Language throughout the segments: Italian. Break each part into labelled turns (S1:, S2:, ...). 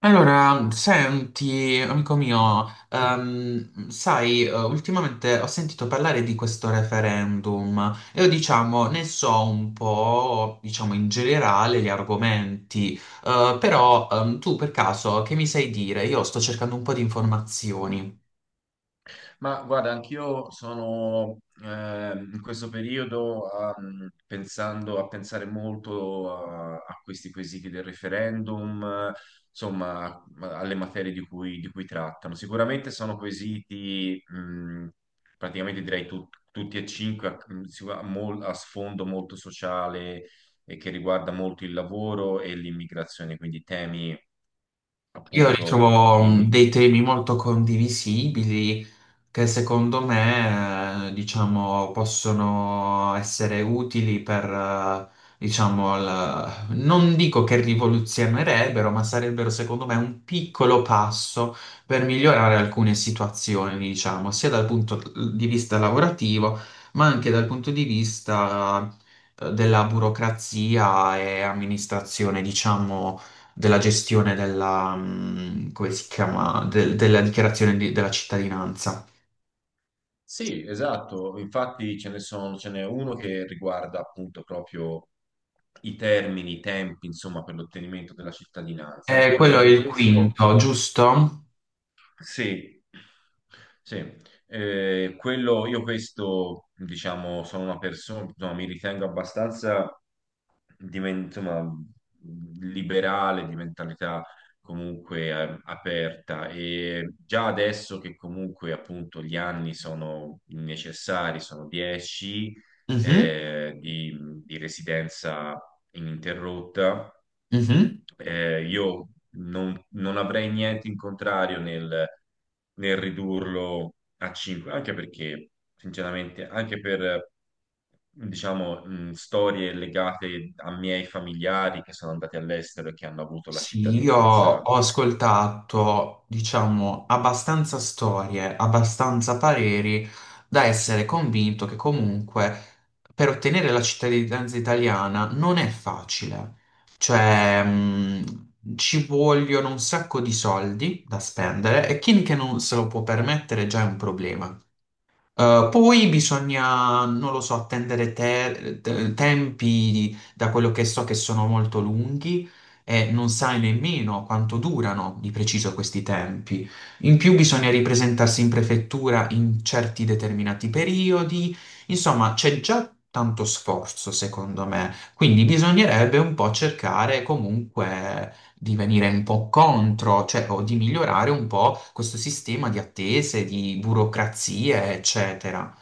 S1: Allora, senti, amico mio, sai, ultimamente ho sentito parlare di questo referendum e io, diciamo, ne so un po', diciamo, in generale gli argomenti. Però Tu per caso che mi sai dire? Io sto cercando un po' di informazioni.
S2: Ma guarda, anch'io sono in questo periodo pensando a pensare molto a questi quesiti del referendum, insomma, alle materie di cui, trattano. Sicuramente sono quesiti, praticamente direi tutti e cinque, a sfondo molto sociale e che riguarda molto il lavoro e l'immigrazione, quindi temi
S1: Io
S2: appunto
S1: ritrovo
S2: di.
S1: dei temi molto condivisibili che secondo me, diciamo, possono essere utili per, diciamo, non dico che rivoluzionerebbero, ma sarebbero secondo me un piccolo passo per migliorare alcune situazioni, diciamo, sia dal punto di vista lavorativo, ma anche dal punto di vista, della burocrazia e amministrazione, diciamo della gestione della, come si chiama, della dichiarazione della cittadinanza.
S2: Sì, esatto, infatti ce ne sono, ce n'è uno che riguarda appunto proprio i termini, i tempi, insomma, per l'ottenimento della cittadinanza. Ecco, per
S1: Quello è
S2: esempio,
S1: il
S2: questo,
S1: quinto, giusto?
S2: sì, sì, quello, io questo, diciamo, sono una persona, mi ritengo abbastanza insomma, liberale, di mentalità comunque aperta. E già adesso che comunque appunto gli anni sono necessari, sono 10
S1: Mhm,
S2: eh, di, di residenza ininterrotta,
S1: mhm.
S2: io non avrei niente in contrario nel ridurlo a 5, anche perché, sinceramente, anche per, diciamo, storie legate a miei familiari che sono andati all'estero e che hanno avuto la
S1: Sì, io
S2: cittadinanza.
S1: ho ascoltato, diciamo, abbastanza storie, abbastanza pareri da essere convinto che comunque per ottenere la cittadinanza italiana non è facile. Cioè, ci vogliono un sacco di soldi da spendere e chi che non se lo può permettere già è un problema. Poi bisogna, non lo so, attendere tempi da quello che so che sono molto lunghi e non sai nemmeno quanto durano di preciso questi tempi. In più bisogna ripresentarsi in prefettura in certi determinati periodi. Insomma, c'è già tanto sforzo, secondo me. Quindi bisognerebbe un po' cercare comunque di venire un po' contro, cioè, o di migliorare un po' questo sistema di attese, di burocrazie, eccetera.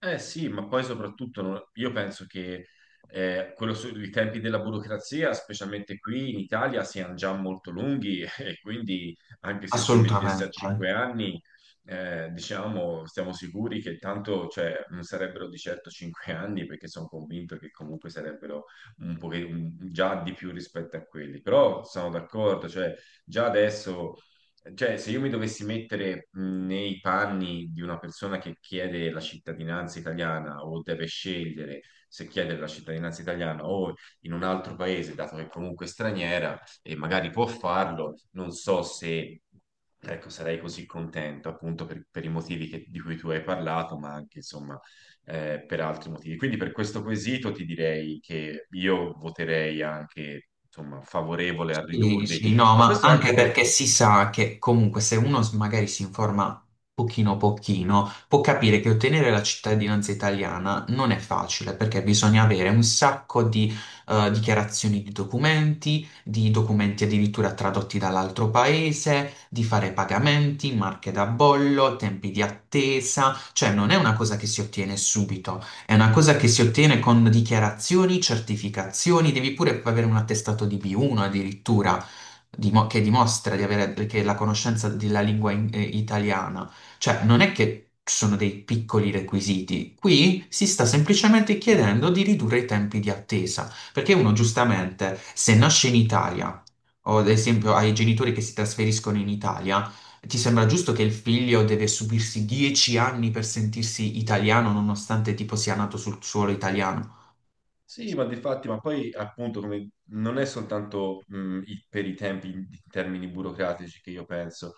S2: Eh sì, ma poi soprattutto io penso che i tempi della burocrazia, specialmente qui in Italia, siano già molto lunghi e quindi anche se si mettesse a
S1: Assolutamente.
S2: cinque anni, diciamo, stiamo sicuri che tanto, cioè, non sarebbero di certo cinque anni perché sono convinto che comunque sarebbero un po' già di più rispetto a quelli. Però sono d'accordo, cioè, già adesso, cioè, se io mi dovessi mettere nei panni di una persona che chiede la cittadinanza italiana o deve scegliere se chiedere la cittadinanza italiana o in un altro paese, dato che è comunque straniera e magari può farlo, non so se, ecco, sarei così contento appunto per i motivi di cui tu hai parlato, ma anche insomma per altri motivi. Quindi per questo quesito ti direi che io voterei anche, insomma, favorevole a
S1: Sì,
S2: ridurli.
S1: sì, no,
S2: Ma
S1: ma
S2: questo anche
S1: anche perché
S2: perché?
S1: si sa che comunque se uno magari si informa pochino pochino, può capire che ottenere la cittadinanza italiana non è facile perché bisogna avere un sacco di dichiarazioni di documenti addirittura tradotti dall'altro paese, di fare pagamenti, marche da bollo, tempi di attesa, cioè non è una cosa che si ottiene subito. È una cosa che si ottiene con dichiarazioni, certificazioni, devi pure avere un attestato di B1 addirittura, che dimostra di avere che la conoscenza della lingua italiana. Cioè, non è che ci sono dei piccoli requisiti. Qui si sta semplicemente chiedendo di ridurre i tempi di attesa, perché uno giustamente, se nasce in Italia, o ad esempio ai genitori che si trasferiscono in Italia, ti sembra giusto che il figlio deve subirsi 10 anni per sentirsi italiano nonostante tipo sia nato sul suolo italiano?
S2: Sì, ma difatti, ma poi appunto non è soltanto per i tempi in termini burocratici che io penso.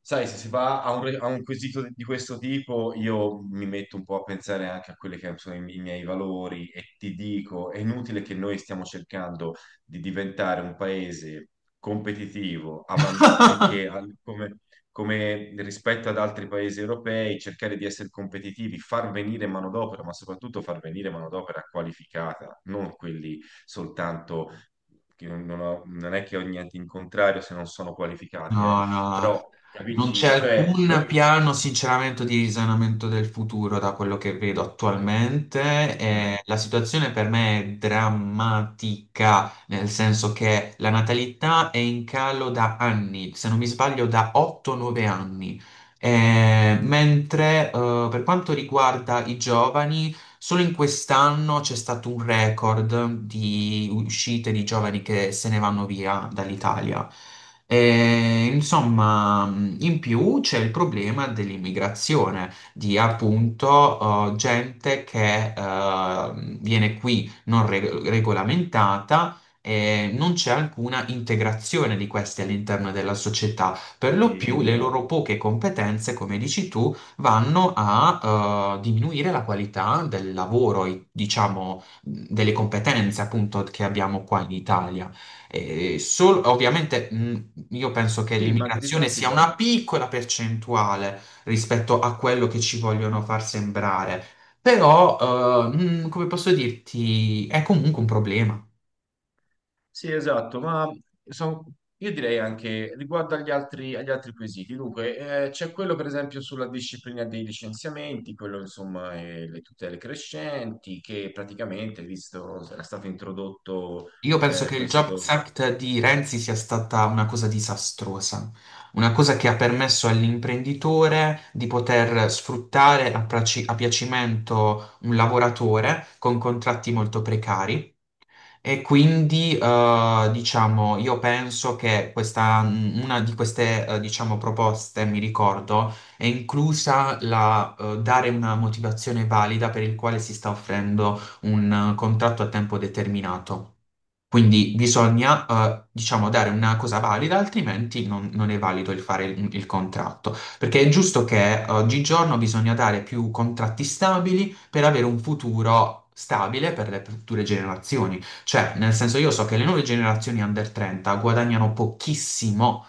S2: Sai, se si va a un quesito di questo tipo, io mi metto un po' a pensare anche a quelli che sono i miei valori e ti dico, è inutile che noi stiamo cercando di diventare un paese competitivo, avan- anche al- come come rispetto ad altri paesi europei, cercare di essere competitivi, far venire manodopera, ma soprattutto far venire manodopera qualificata, non quelli soltanto che non è che ho niente in contrario se non sono qualificati,
S1: No, no,
S2: però
S1: non c'è
S2: capisci, cioè
S1: alcun
S2: noi.
S1: piano, sinceramente, di risanamento del futuro da quello che vedo attualmente.
S2: Mm.
S1: E la situazione per me è drammatica, nel senso che la natalità è in calo da anni, se non mi sbaglio da 8-9 anni. Mentre per quanto riguarda i giovani, solo in quest'anno c'è stato un record di uscite di giovani che se ne vanno via dall'Italia. E, insomma, in più c'è il problema dell'immigrazione, di appunto gente che viene qui non reg- regolamentata e non c'è alcuna integrazione di questi all'interno della società. Per lo
S2: Sì,
S1: più le
S2: esatto.
S1: loro poche competenze, come dici tu, vanno a diminuire la qualità del lavoro, e, diciamo, delle competenze appunto che abbiamo qua in Italia. E ovviamente io penso che
S2: Sì, ma di
S1: l'immigrazione
S2: fatti,
S1: sia una
S2: guarda.
S1: piccola percentuale rispetto a quello che ci vogliono far sembrare, però, come posso dirti, è comunque un problema.
S2: Sì, esatto, ma son- io direi anche riguardo agli altri, quesiti. Dunque, c'è quello per esempio sulla disciplina dei licenziamenti, quello insomma le tutele crescenti, che praticamente, visto, era stato introdotto
S1: Io penso che il Jobs
S2: questo.
S1: Act di Renzi sia stata una cosa disastrosa, una cosa che ha permesso all'imprenditore di poter sfruttare a piacimento un lavoratore con contratti molto precari e quindi, diciamo, io penso che questa, una di queste, diciamo, proposte, mi ricordo, è inclusa la, dare una motivazione valida per il quale si sta offrendo un contratto a tempo determinato. Quindi bisogna, diciamo, dare una cosa valida, altrimenti non è valido il fare il contratto. Perché è giusto che oggigiorno bisogna dare più contratti stabili per avere un futuro stabile per le future generazioni. Cioè, nel senso, io so che le nuove generazioni under 30 guadagnano pochissimo.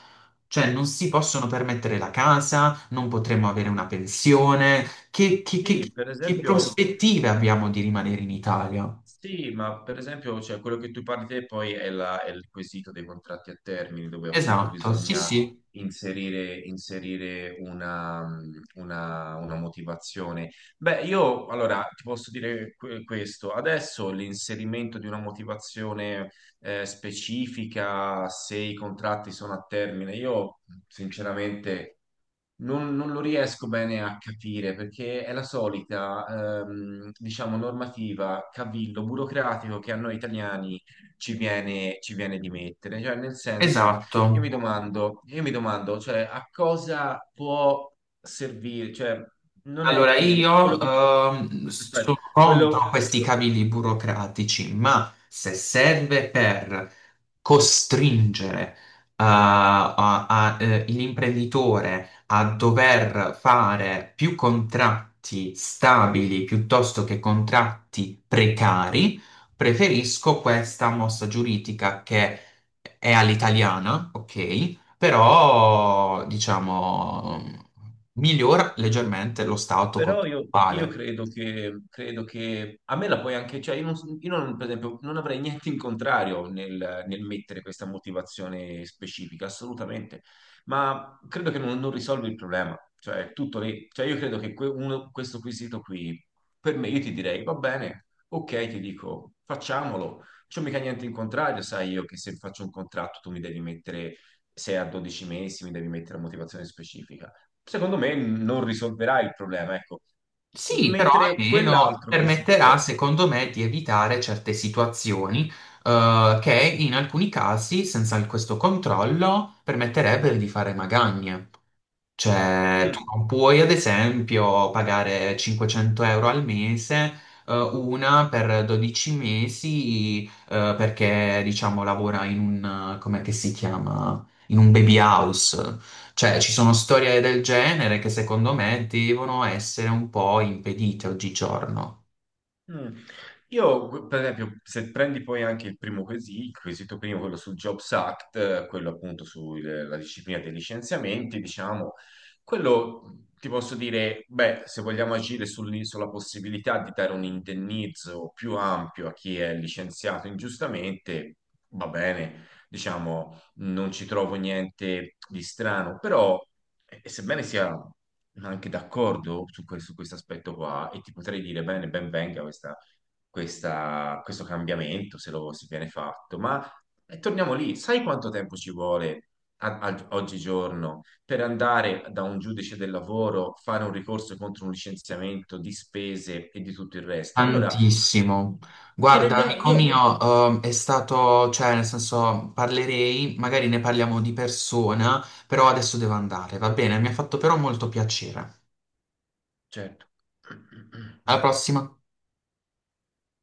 S1: Cioè, non si possono permettere la casa, non potremo avere una pensione. che che- che-
S2: Sì, per
S1: che
S2: esempio.
S1: prospettive abbiamo di rimanere in Italia?
S2: Sì, ma per esempio, cioè, quello che tu parli te poi è il quesito dei contratti a termine, dove appunto
S1: Esatto, sì,
S2: bisogna
S1: sì.
S2: inserire, una, una motivazione. Beh, io allora ti posso dire questo. Adesso l'inserimento di una motivazione specifica, se i contratti sono a termine, io sinceramente. Non lo riesco bene a capire perché è la solita, diciamo, normativa, cavillo burocratico che a noi italiani ci viene, di mettere. Cioè, nel senso,
S1: Esatto.
S2: io mi domando, cioè, a cosa può servire? Cioè, non è
S1: Allora
S2: che quello
S1: io
S2: che tu, aspetta,
S1: sono contro
S2: quello.
S1: questi cavilli burocratici, ma se serve per costringere a- l'imprenditore a dover fare più contratti stabili piuttosto che contratti precari, preferisco questa mossa giuridica che è all'italiana, ok? Però diciamo migliora
S2: Mm.
S1: leggermente lo stato
S2: Però io
S1: contrattuale.
S2: credo che, a me la puoi anche, cioè io non, per esempio non avrei niente in contrario nel mettere questa motivazione specifica, assolutamente, ma credo che non risolvi il problema, cioè è tutto lì, cioè io credo che questo quesito qui, per me io ti direi va bene, ok, ti dico facciamolo, c'ho mica niente in contrario, sai io che se faccio un contratto tu mi devi mettere 6 a 12 mesi, mi devi mettere la motivazione specifica secondo me non risolverà il problema, ecco.
S1: Sì, però
S2: Mentre
S1: almeno
S2: quell'altro
S1: permetterà,
S2: quesito.
S1: secondo me, di evitare certe situazioni che in alcuni casi, senza questo controllo, permetterebbero di fare magagne. Cioè, tu
S2: Mm.
S1: non puoi, ad esempio, pagare 500 € al mese, una per 12 mesi, perché, diciamo, lavora in un, come che si chiama? In un baby house. Cioè, ci sono storie del genere che secondo me devono essere un po' impedite oggigiorno.
S2: Mm. Io, per esempio, se prendi poi anche il primo quesito, il quesito primo, quello sul Jobs Act, quello appunto sulla disciplina dei licenziamenti, diciamo, quello ti posso dire, beh, se vogliamo agire sulla possibilità di dare un indennizzo più ampio a chi è licenziato ingiustamente, va bene, diciamo, non ci trovo niente di strano, però. E sebbene sia anche d'accordo su questo aspetto qua, e ti potrei dire bene, ben venga questa, questo cambiamento se lo si viene fatto, ma torniamo lì, sai quanto tempo ci vuole oggigiorno per andare da un giudice del lavoro, fare un ricorso contro un licenziamento di spese e di tutto il resto? Allora,
S1: Tantissimo.
S2: ci
S1: Guarda,
S2: rendiamo,
S1: amico
S2: io,
S1: mio, è stato, cioè, nel senso, parlerei, magari ne parliamo di persona, però adesso devo andare, va bene? Mi ha fatto però molto piacere.
S2: certo.
S1: Alla prossima.